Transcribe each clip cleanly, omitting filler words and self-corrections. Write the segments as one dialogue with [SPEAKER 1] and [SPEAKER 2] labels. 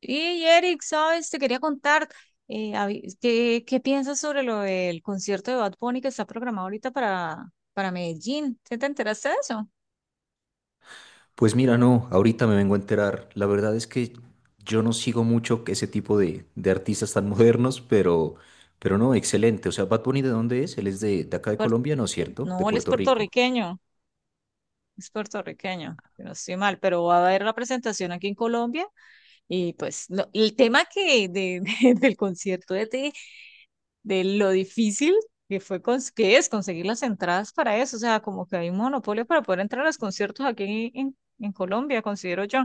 [SPEAKER 1] Y Eric, sabes, te quería contar ¿qué piensas sobre lo del concierto de Bad Bunny que está programado ahorita para Medellín? ¿Sí te enteraste de eso?
[SPEAKER 2] Pues mira, no, ahorita me vengo a enterar. La verdad es que yo no sigo mucho que ese tipo de artistas tan modernos, pero no, excelente. O sea, Bad Bunny, ¿de dónde es? Él es de acá de
[SPEAKER 1] Puer-
[SPEAKER 2] Colombia, ¿no es cierto? De
[SPEAKER 1] no, él
[SPEAKER 2] Puerto Rico.
[SPEAKER 1] es puertorriqueño, si no estoy mal, pero va a haber la presentación aquí en Colombia y pues el tema que de, del concierto de ti, de lo difícil que que es conseguir las entradas para eso, o sea, como que hay un monopolio para poder entrar a los conciertos aquí en Colombia, considero yo.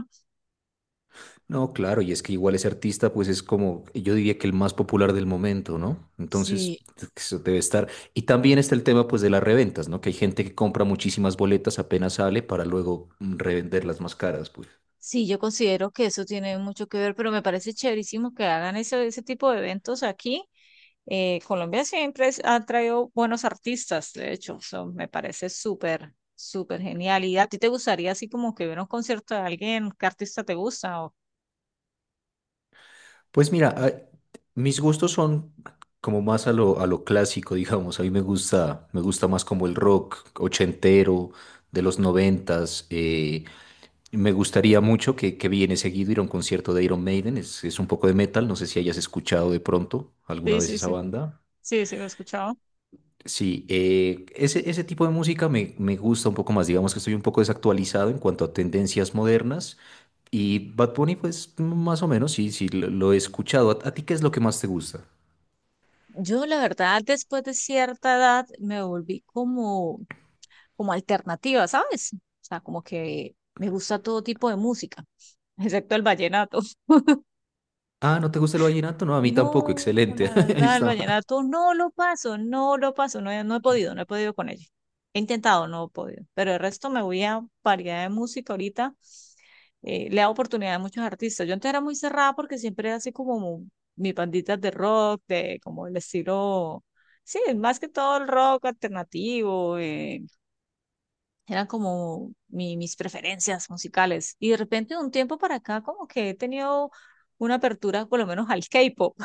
[SPEAKER 2] No, claro, y es que igual ese artista, pues es como, yo diría que el más popular del momento, ¿no? Entonces,
[SPEAKER 1] Sí,
[SPEAKER 2] eso debe estar. Y también está el tema, pues, de las reventas, ¿no? Que hay gente que compra muchísimas boletas apenas sale para luego revenderlas más caras, pues.
[SPEAKER 1] sí, yo considero que eso tiene mucho que ver, pero me parece chéverísimo que hagan ese tipo de eventos aquí. Colombia siempre ha traído buenos artistas, de hecho, eso me parece súper, súper genial. ¿Y a ti te gustaría así como que hubiera un concierto de alguien? ¿Qué artista te gusta? O...
[SPEAKER 2] Pues mira, mis gustos son como más a lo clásico, digamos. A mí me gusta más como el rock ochentero de los noventas. Me gustaría mucho que viene seguido ir a un concierto de Iron Maiden. Es un poco de metal. No sé si hayas escuchado de pronto alguna
[SPEAKER 1] sí,
[SPEAKER 2] vez
[SPEAKER 1] sí,
[SPEAKER 2] esa
[SPEAKER 1] sí,
[SPEAKER 2] banda.
[SPEAKER 1] sí, sí, lo he escuchado.
[SPEAKER 2] Sí, ese tipo de música me gusta un poco más. Digamos que estoy un poco desactualizado en cuanto a tendencias modernas. Y Bad Bunny, pues más o menos, sí, lo he escuchado. A ti qué es lo que más te gusta?
[SPEAKER 1] Yo, la verdad, después de cierta edad me volví como, como alternativa, ¿sabes? O sea, como que me gusta todo tipo de música, excepto el vallenato.
[SPEAKER 2] Ah, ¿no te gusta el vallenato? No, a mí tampoco,
[SPEAKER 1] No,
[SPEAKER 2] excelente.
[SPEAKER 1] la
[SPEAKER 2] Ahí
[SPEAKER 1] verdad, el
[SPEAKER 2] está.
[SPEAKER 1] vallenato no lo paso, no lo paso, no he podido, no he podido con ello. He intentado, no he podido, pero el resto me voy a variedad de música ahorita. Le da oportunidad a muchos artistas. Yo antes era muy cerrada porque siempre era así como mis banditas de rock, de como el estilo, sí, más que todo el rock alternativo, eran como mis preferencias musicales. Y de repente de un tiempo para acá como que he tenido una apertura por lo menos al K-pop.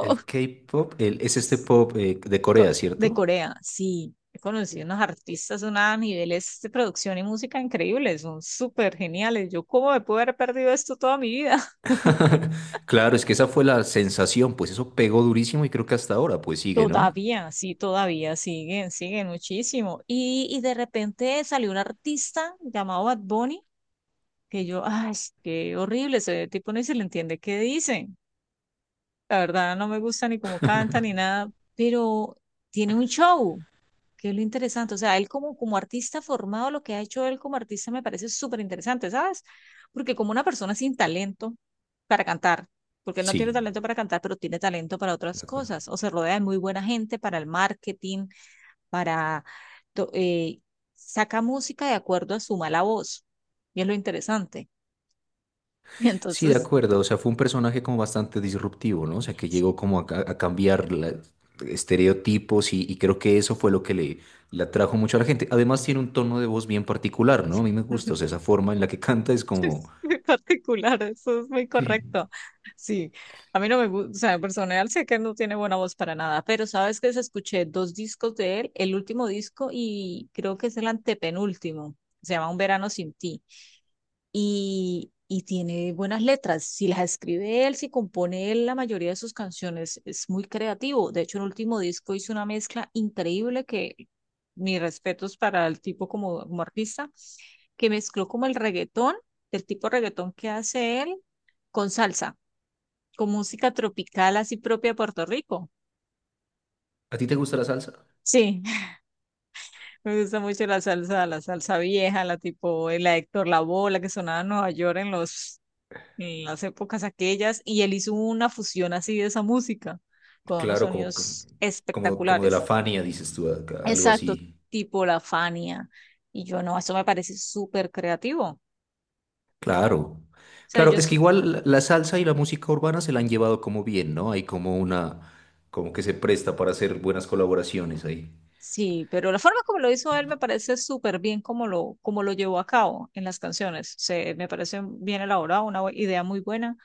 [SPEAKER 2] El K-pop, es este pop de
[SPEAKER 1] Co-
[SPEAKER 2] Corea,
[SPEAKER 1] De
[SPEAKER 2] ¿cierto?
[SPEAKER 1] Corea, sí. He conocido unos artistas, unos niveles de producción y música increíbles, son súper geniales. Yo, ¿cómo me pude haber perdido esto toda mi vida?
[SPEAKER 2] Claro, es que esa fue la sensación, pues eso pegó durísimo y creo que hasta ahora pues sigue, ¿no?
[SPEAKER 1] Todavía, sí, todavía siguen, siguen muchísimo. Y de repente salió un artista llamado Bad Bunny, que yo, ay, qué horrible, ese tipo ni se le entiende qué dice. La verdad, no me gusta ni cómo canta ni nada, pero tiene un show, que es lo interesante. O sea, él como, como artista formado, lo que ha hecho él como artista me parece súper interesante, ¿sabes? Porque como una persona sin talento para cantar, porque él no
[SPEAKER 2] Sí,
[SPEAKER 1] tiene talento para cantar, pero tiene talento para
[SPEAKER 2] de
[SPEAKER 1] otras
[SPEAKER 2] acuerdo.
[SPEAKER 1] cosas, o se rodea de muy buena gente para el marketing, para... to- eh, saca música de acuerdo a su mala voz, y es lo interesante. Y
[SPEAKER 2] Sí, de
[SPEAKER 1] entonces,
[SPEAKER 2] acuerdo, o sea, fue un personaje como bastante disruptivo, ¿no? O sea, que llegó como a cambiar estereotipos y creo que eso fue lo que le atrajo mucho a la gente. Además tiene un tono de voz bien particular, ¿no? A mí me gusta, o sea, esa forma en la que canta es como...
[SPEAKER 1] muy particular, eso es muy
[SPEAKER 2] Sí.
[SPEAKER 1] correcto. Sí, a mí no me gusta, o sea, en personal sé que no tiene buena voz para nada, pero sabes que escuché dos discos de él, el último disco y creo que es el antepenúltimo, se llama Un verano sin ti, y tiene buenas letras, si las escribe él, si compone él la mayoría de sus canciones, es muy creativo. De hecho, el último disco hizo una mezcla increíble que mis respetos para el tipo como, como artista que mezcló como el reggaetón, del tipo reggaetón que hace él, con salsa, con música tropical así propia de Puerto Rico.
[SPEAKER 2] ¿A ti te gusta la salsa?
[SPEAKER 1] Sí, me gusta mucho la salsa vieja, la tipo, la de Héctor Lavoe, la que sonaba en Nueva York en los, en las épocas aquellas, y él hizo una fusión así de esa música, con unos
[SPEAKER 2] Claro,
[SPEAKER 1] sonidos
[SPEAKER 2] como de la
[SPEAKER 1] espectaculares.
[SPEAKER 2] Fania, dices tú, algo
[SPEAKER 1] Exacto,
[SPEAKER 2] así.
[SPEAKER 1] tipo la Fania. Y yo no, eso me parece súper creativo. O
[SPEAKER 2] Claro.
[SPEAKER 1] sea,
[SPEAKER 2] Claro,
[SPEAKER 1] yo,
[SPEAKER 2] es que
[SPEAKER 1] sí...
[SPEAKER 2] igual la la salsa y la música urbana se la han llevado como bien, ¿no? Hay como una, como que se presta para hacer buenas colaboraciones ahí.
[SPEAKER 1] Sí, pero la forma como lo hizo él me parece súper bien como lo llevó a cabo en las canciones. Se, me parece bien elaborado, una idea muy buena.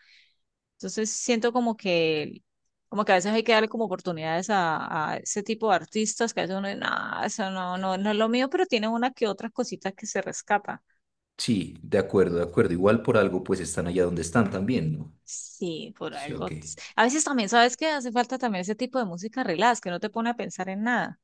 [SPEAKER 1] Entonces siento como que a veces hay que darle como oportunidades a ese tipo de artistas que a veces uno dice, no, eso no, no, no es lo mío, pero tiene una que otra cosita que se rescapa.
[SPEAKER 2] Sí, de acuerdo, de acuerdo. Igual por algo pues están allá donde están también, ¿no?
[SPEAKER 1] Sí, por
[SPEAKER 2] Sí, ok.
[SPEAKER 1] algo. A veces también, ¿sabes que hace falta también ese tipo de música relax, que no te pone a pensar en nada.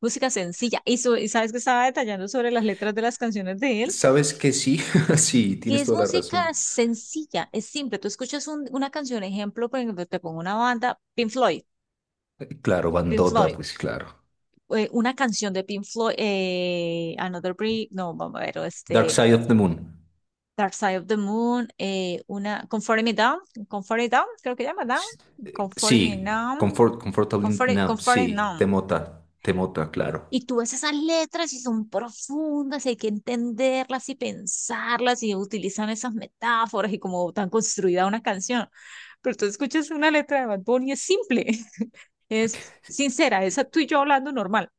[SPEAKER 1] Música sencilla. Y, y sabes que estaba detallando sobre las letras de las canciones de él,
[SPEAKER 2] ¿Sabes que sí? Sí,
[SPEAKER 1] que
[SPEAKER 2] tienes
[SPEAKER 1] es
[SPEAKER 2] toda la
[SPEAKER 1] música
[SPEAKER 2] razón.
[SPEAKER 1] sencilla, es simple. Tú escuchas una canción, ejemplo, por ejemplo, te pongo una banda, Pink Floyd,
[SPEAKER 2] Claro,
[SPEAKER 1] Pink
[SPEAKER 2] Bandota,
[SPEAKER 1] Floyd,
[SPEAKER 2] pues claro.
[SPEAKER 1] una canción de Pink Floyd, Another Brick, no, vamos a ver,
[SPEAKER 2] Dark
[SPEAKER 1] este,
[SPEAKER 2] Side of the Moon.
[SPEAKER 1] Dark Side of the Moon, una, Comfort Me Down, Comfort It Down, creo que llama Down, Comfort Me
[SPEAKER 2] Sí,
[SPEAKER 1] Down,
[SPEAKER 2] Comfort, Comfortable
[SPEAKER 1] Comfort,
[SPEAKER 2] Nap,
[SPEAKER 1] Comfort It
[SPEAKER 2] sí,
[SPEAKER 1] Now.
[SPEAKER 2] Temota, Temota, claro.
[SPEAKER 1] Y tú ves esas letras y son profundas, y hay que entenderlas y pensarlas y utilizan esas metáforas y como tan construida una canción. Pero tú escuchas una letra de Bad Bunny y es simple, es sincera, esa tú y yo hablando normal.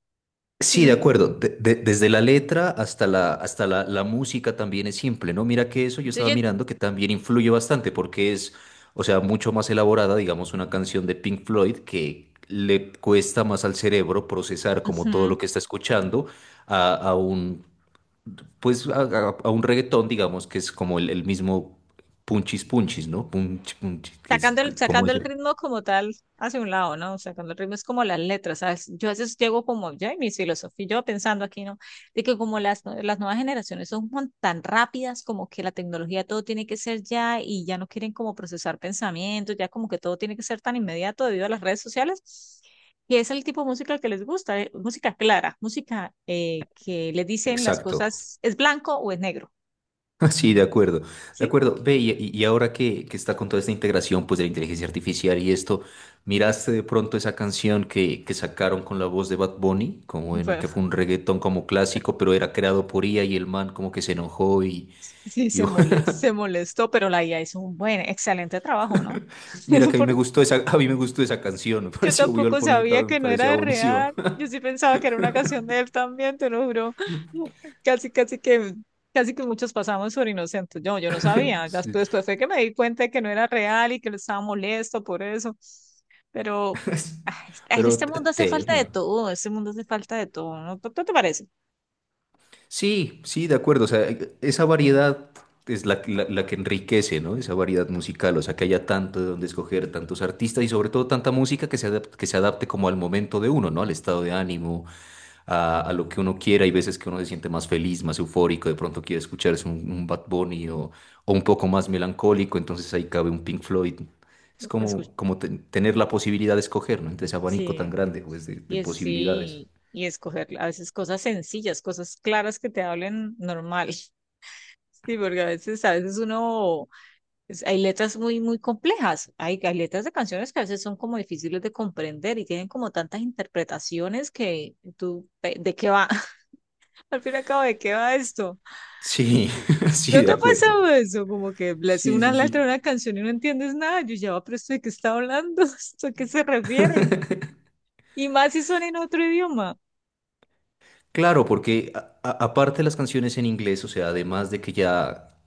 [SPEAKER 1] ¿sí
[SPEAKER 2] Sí,
[SPEAKER 1] me
[SPEAKER 2] de
[SPEAKER 1] enti-
[SPEAKER 2] acuerdo. Desde la letra hasta la música también es simple, ¿no? Mira que eso yo estaba
[SPEAKER 1] Entonces
[SPEAKER 2] mirando que también influye bastante porque es, o sea, mucho más elaborada, digamos, una canción de Pink Floyd que le cuesta más al cerebro procesar como todo
[SPEAKER 1] ujú.
[SPEAKER 2] lo que está escuchando a un, pues, a un reggaetón, digamos, que es como el mismo punchis punchis, ¿no? Punch, punchis, que es como
[SPEAKER 1] Sacando el
[SPEAKER 2] ese.
[SPEAKER 1] ritmo como tal hacia un lado, ¿no? Sacando el ritmo es como las letras, ¿sabes? Yo a veces llego como, ya, y mis filosofía, yo pensando aquí, ¿no? De que como las, las nuevas generaciones son tan rápidas, como que la tecnología todo tiene que ser ya y ya no quieren como procesar pensamientos, ya como que todo tiene que ser tan inmediato debido a las redes sociales, que es el tipo de música que les gusta, ¿eh? Música clara, música que les dicen las
[SPEAKER 2] Exacto.
[SPEAKER 1] cosas, es blanco o es negro,
[SPEAKER 2] Sí, de acuerdo, de
[SPEAKER 1] ¿sí?
[SPEAKER 2] acuerdo. Ve, y ahora que está con toda esta integración pues, de la inteligencia artificial y esto, ¿miraste de pronto esa canción que sacaron con la voz de Bad Bunny? Como que fue un reggaetón como clásico, pero era creado por IA y el man como que se enojó
[SPEAKER 1] Sí,
[SPEAKER 2] y
[SPEAKER 1] se molestó, pero la IA hizo un buen, excelente trabajo, ¿no?
[SPEAKER 2] mira que a mí me
[SPEAKER 1] Porque
[SPEAKER 2] gustó esa, a mí me gustó esa canción, me
[SPEAKER 1] yo
[SPEAKER 2] pareció, yo lo
[SPEAKER 1] tampoco
[SPEAKER 2] ponía acá,
[SPEAKER 1] sabía
[SPEAKER 2] me
[SPEAKER 1] que no era
[SPEAKER 2] parecía
[SPEAKER 1] de
[SPEAKER 2] buenísima.
[SPEAKER 1] real. Yo sí pensaba que era una canción de él también, te lo juro. Casi, casi que, casi que muchos pasamos por inocentes. Yo no sabía.
[SPEAKER 2] Sí.
[SPEAKER 1] Después, después fue que me di cuenta de que no era real y que lo estaba molesto por eso. Pero ah, en
[SPEAKER 2] Pero
[SPEAKER 1] este mundo hace falta de
[SPEAKER 2] tema.
[SPEAKER 1] todo, en este mundo hace falta de todo, ¿no? ¿No te parece?
[SPEAKER 2] Sí, sí, de acuerdo. O sea, esa variedad es la, la que enriquece, ¿no? Esa variedad musical, o sea, que haya tanto de donde escoger, tantos artistas y sobre todo tanta música que se adapte como al momento de uno, ¿no? Al estado de ánimo, a lo que uno quiera. Hay veces que uno se siente más feliz, más eufórico, de pronto quiere escucharse un Bad Bunny o un poco más melancólico, entonces ahí cabe un Pink Floyd. Es
[SPEAKER 1] Escucha.
[SPEAKER 2] como, como tener la posibilidad de escoger, ¿no? Entre ese abanico
[SPEAKER 1] Sí.
[SPEAKER 2] tan grande, pues, de posibilidades.
[SPEAKER 1] Sí, y escoger a veces cosas sencillas, cosas claras que te hablen normal. Sí, porque a veces uno, hay letras muy, muy complejas. Hay letras de canciones que a veces son como difíciles de comprender y tienen como tantas interpretaciones que tú, ¿de qué va? Al fin y al cabo, ¿de qué va esto?
[SPEAKER 2] Sí, sí,
[SPEAKER 1] ¿No te
[SPEAKER 2] de
[SPEAKER 1] ha pasado
[SPEAKER 2] acuerdo.
[SPEAKER 1] eso? Como que lees
[SPEAKER 2] Sí,
[SPEAKER 1] una
[SPEAKER 2] sí,
[SPEAKER 1] letra
[SPEAKER 2] sí.
[SPEAKER 1] de una canción y no entiendes nada. Yo ya, "Ah, pero ¿esto de qué está hablando? ¿Esto a qué se refiere? Y más si son en otro idioma.
[SPEAKER 2] Claro, porque aparte de las canciones en inglés, o sea, además de que ya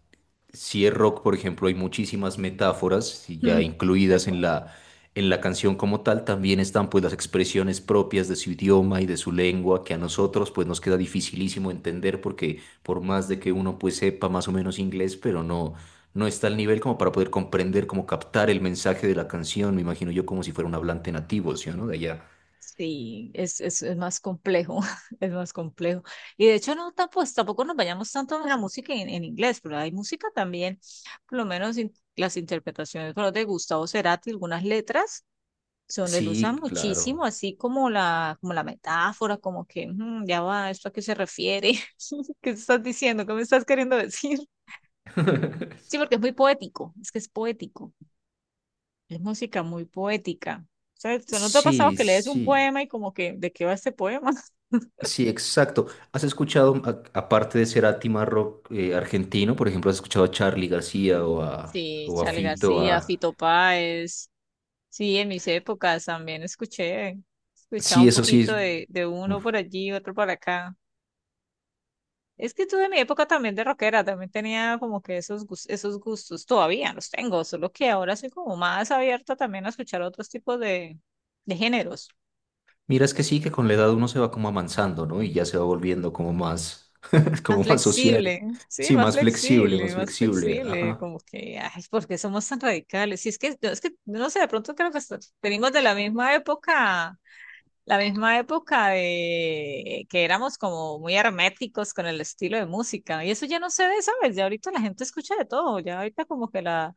[SPEAKER 2] si es rock, por ejemplo, hay muchísimas metáforas y ya
[SPEAKER 1] Mm, tal
[SPEAKER 2] incluidas
[SPEAKER 1] cual.
[SPEAKER 2] en la canción como tal, también están pues las expresiones propias de su idioma y de su lengua que a nosotros pues nos queda dificilísimo entender porque por más de que uno pues sepa más o menos inglés, pero no no está al nivel como para poder comprender, como captar el mensaje de la canción, me imagino yo como si fuera un hablante nativo, ¿sí o no? De allá.
[SPEAKER 1] Sí, es más complejo, es más complejo. Y de hecho, no, tampoco, tampoco nos vayamos tanto en la música en inglés, pero hay música también, por lo menos las interpretaciones por ejemplo, de Gustavo Cerati, algunas letras son, él usa
[SPEAKER 2] Sí,
[SPEAKER 1] muchísimo,
[SPEAKER 2] claro.
[SPEAKER 1] así como la metáfora, como que "Mm, ya va, ¿esto a qué se refiere? ¿Qué estás diciendo? ¿Qué me estás queriendo decir? Sí, porque es muy poético, es que es poético, es música muy poética. O sea, ¿no te ha pasado
[SPEAKER 2] Sí,
[SPEAKER 1] que lees un
[SPEAKER 2] sí,
[SPEAKER 1] poema y como que, ¿de qué va este poema?
[SPEAKER 2] sí, exacto. ¿Has escuchado, aparte de ser a rock argentino, por ejemplo, has escuchado a Charly García
[SPEAKER 1] Sí,
[SPEAKER 2] o a
[SPEAKER 1] Charly
[SPEAKER 2] Fito?
[SPEAKER 1] García,
[SPEAKER 2] A...
[SPEAKER 1] Fito Páez. Sí, en mis épocas también escuché, escuchaba
[SPEAKER 2] Sí,
[SPEAKER 1] un
[SPEAKER 2] eso sí.
[SPEAKER 1] poquito de uno
[SPEAKER 2] Uf.
[SPEAKER 1] por allí, otro por acá. Es que tuve mi época también de rockera, también tenía como que esos, esos gustos, todavía los tengo, solo que ahora soy como más abierta también a escuchar otros tipos de géneros.
[SPEAKER 2] Mira, es que sí, que con la edad uno se va como amansando, ¿no? Y ya se va volviendo como más,
[SPEAKER 1] Más
[SPEAKER 2] como más social.
[SPEAKER 1] flexible, sí,
[SPEAKER 2] Sí, más flexible, más
[SPEAKER 1] más
[SPEAKER 2] flexible.
[SPEAKER 1] flexible,
[SPEAKER 2] Ajá.
[SPEAKER 1] como que, ay, ¿por qué somos tan radicales? Si es que, no, es que, no sé, de pronto creo que venimos de la misma época. La misma época de que éramos como muy herméticos con el estilo de música. Y eso ya no se ve, ¿sabes? Ya ahorita la gente escucha de todo. Ya ahorita como que la,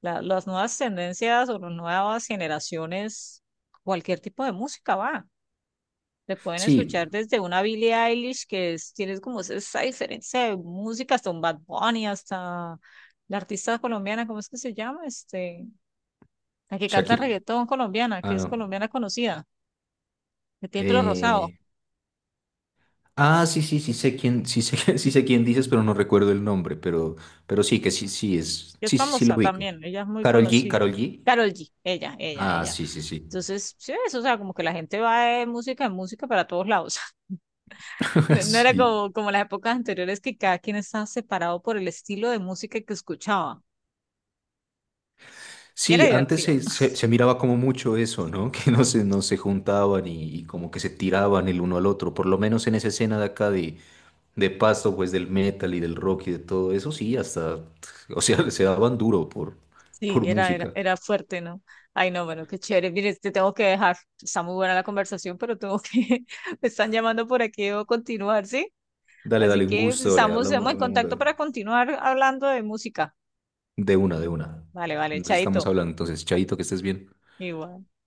[SPEAKER 1] las nuevas tendencias o las nuevas generaciones, cualquier tipo de música va. Te pueden
[SPEAKER 2] Sí,
[SPEAKER 1] escuchar desde una Billie Eilish que tienes como esa diferencia de música hasta un Bad Bunny, hasta la artista colombiana, ¿cómo es que se llama? Este, la que canta
[SPEAKER 2] Shakira.
[SPEAKER 1] reggaetón colombiana,
[SPEAKER 2] Ah,
[SPEAKER 1] que es
[SPEAKER 2] no.
[SPEAKER 1] colombiana conocida, que tiene el pelo rosado,
[SPEAKER 2] eh, Ah, sí, sí, sí sé quién, sí sé, sí sé quién dices, pero no recuerdo el nombre, pero sí, que sí, sí es,
[SPEAKER 1] que es
[SPEAKER 2] sí, sí, sí lo
[SPEAKER 1] famosa
[SPEAKER 2] ubico.
[SPEAKER 1] también, ella es muy
[SPEAKER 2] Carol G,
[SPEAKER 1] conocida.
[SPEAKER 2] Carol G.
[SPEAKER 1] Carol G, ella, ella,
[SPEAKER 2] Ah,
[SPEAKER 1] ella.
[SPEAKER 2] sí, sí, sí.
[SPEAKER 1] Entonces, sí, eso, o sea, como que la gente va de música en música para todos lados. No, no era
[SPEAKER 2] Sí.
[SPEAKER 1] como, como las épocas anteriores que cada quien estaba separado por el estilo de música que escuchaba. Y era
[SPEAKER 2] Sí, antes
[SPEAKER 1] divertido.
[SPEAKER 2] se, se miraba como mucho eso, ¿no? Que no se, no se juntaban y como que se tiraban el uno al otro, por lo menos en esa escena de acá de Pasto, pues del metal y del rock y de todo eso, sí, hasta, o sea, se daban duro
[SPEAKER 1] Sí,
[SPEAKER 2] por
[SPEAKER 1] era, era,
[SPEAKER 2] música.
[SPEAKER 1] era fuerte, ¿no? Ay, no, bueno, qué chévere. Mire, te tengo que dejar. Está muy buena la conversación, pero tengo que, me están llamando por aquí, debo continuar, ¿sí?
[SPEAKER 2] Dale,
[SPEAKER 1] Así
[SPEAKER 2] dale, un
[SPEAKER 1] que pues,
[SPEAKER 2] gusto, le
[SPEAKER 1] estamos,
[SPEAKER 2] hablamos,
[SPEAKER 1] estamos en
[SPEAKER 2] hablamos
[SPEAKER 1] contacto
[SPEAKER 2] luego.
[SPEAKER 1] para continuar hablando de música.
[SPEAKER 2] De una, de una.
[SPEAKER 1] Vale, vale,
[SPEAKER 2] Nos
[SPEAKER 1] chaito.
[SPEAKER 2] estamos hablando. Entonces,
[SPEAKER 1] Vale,
[SPEAKER 2] Chaito, que estés bien.
[SPEAKER 1] igual.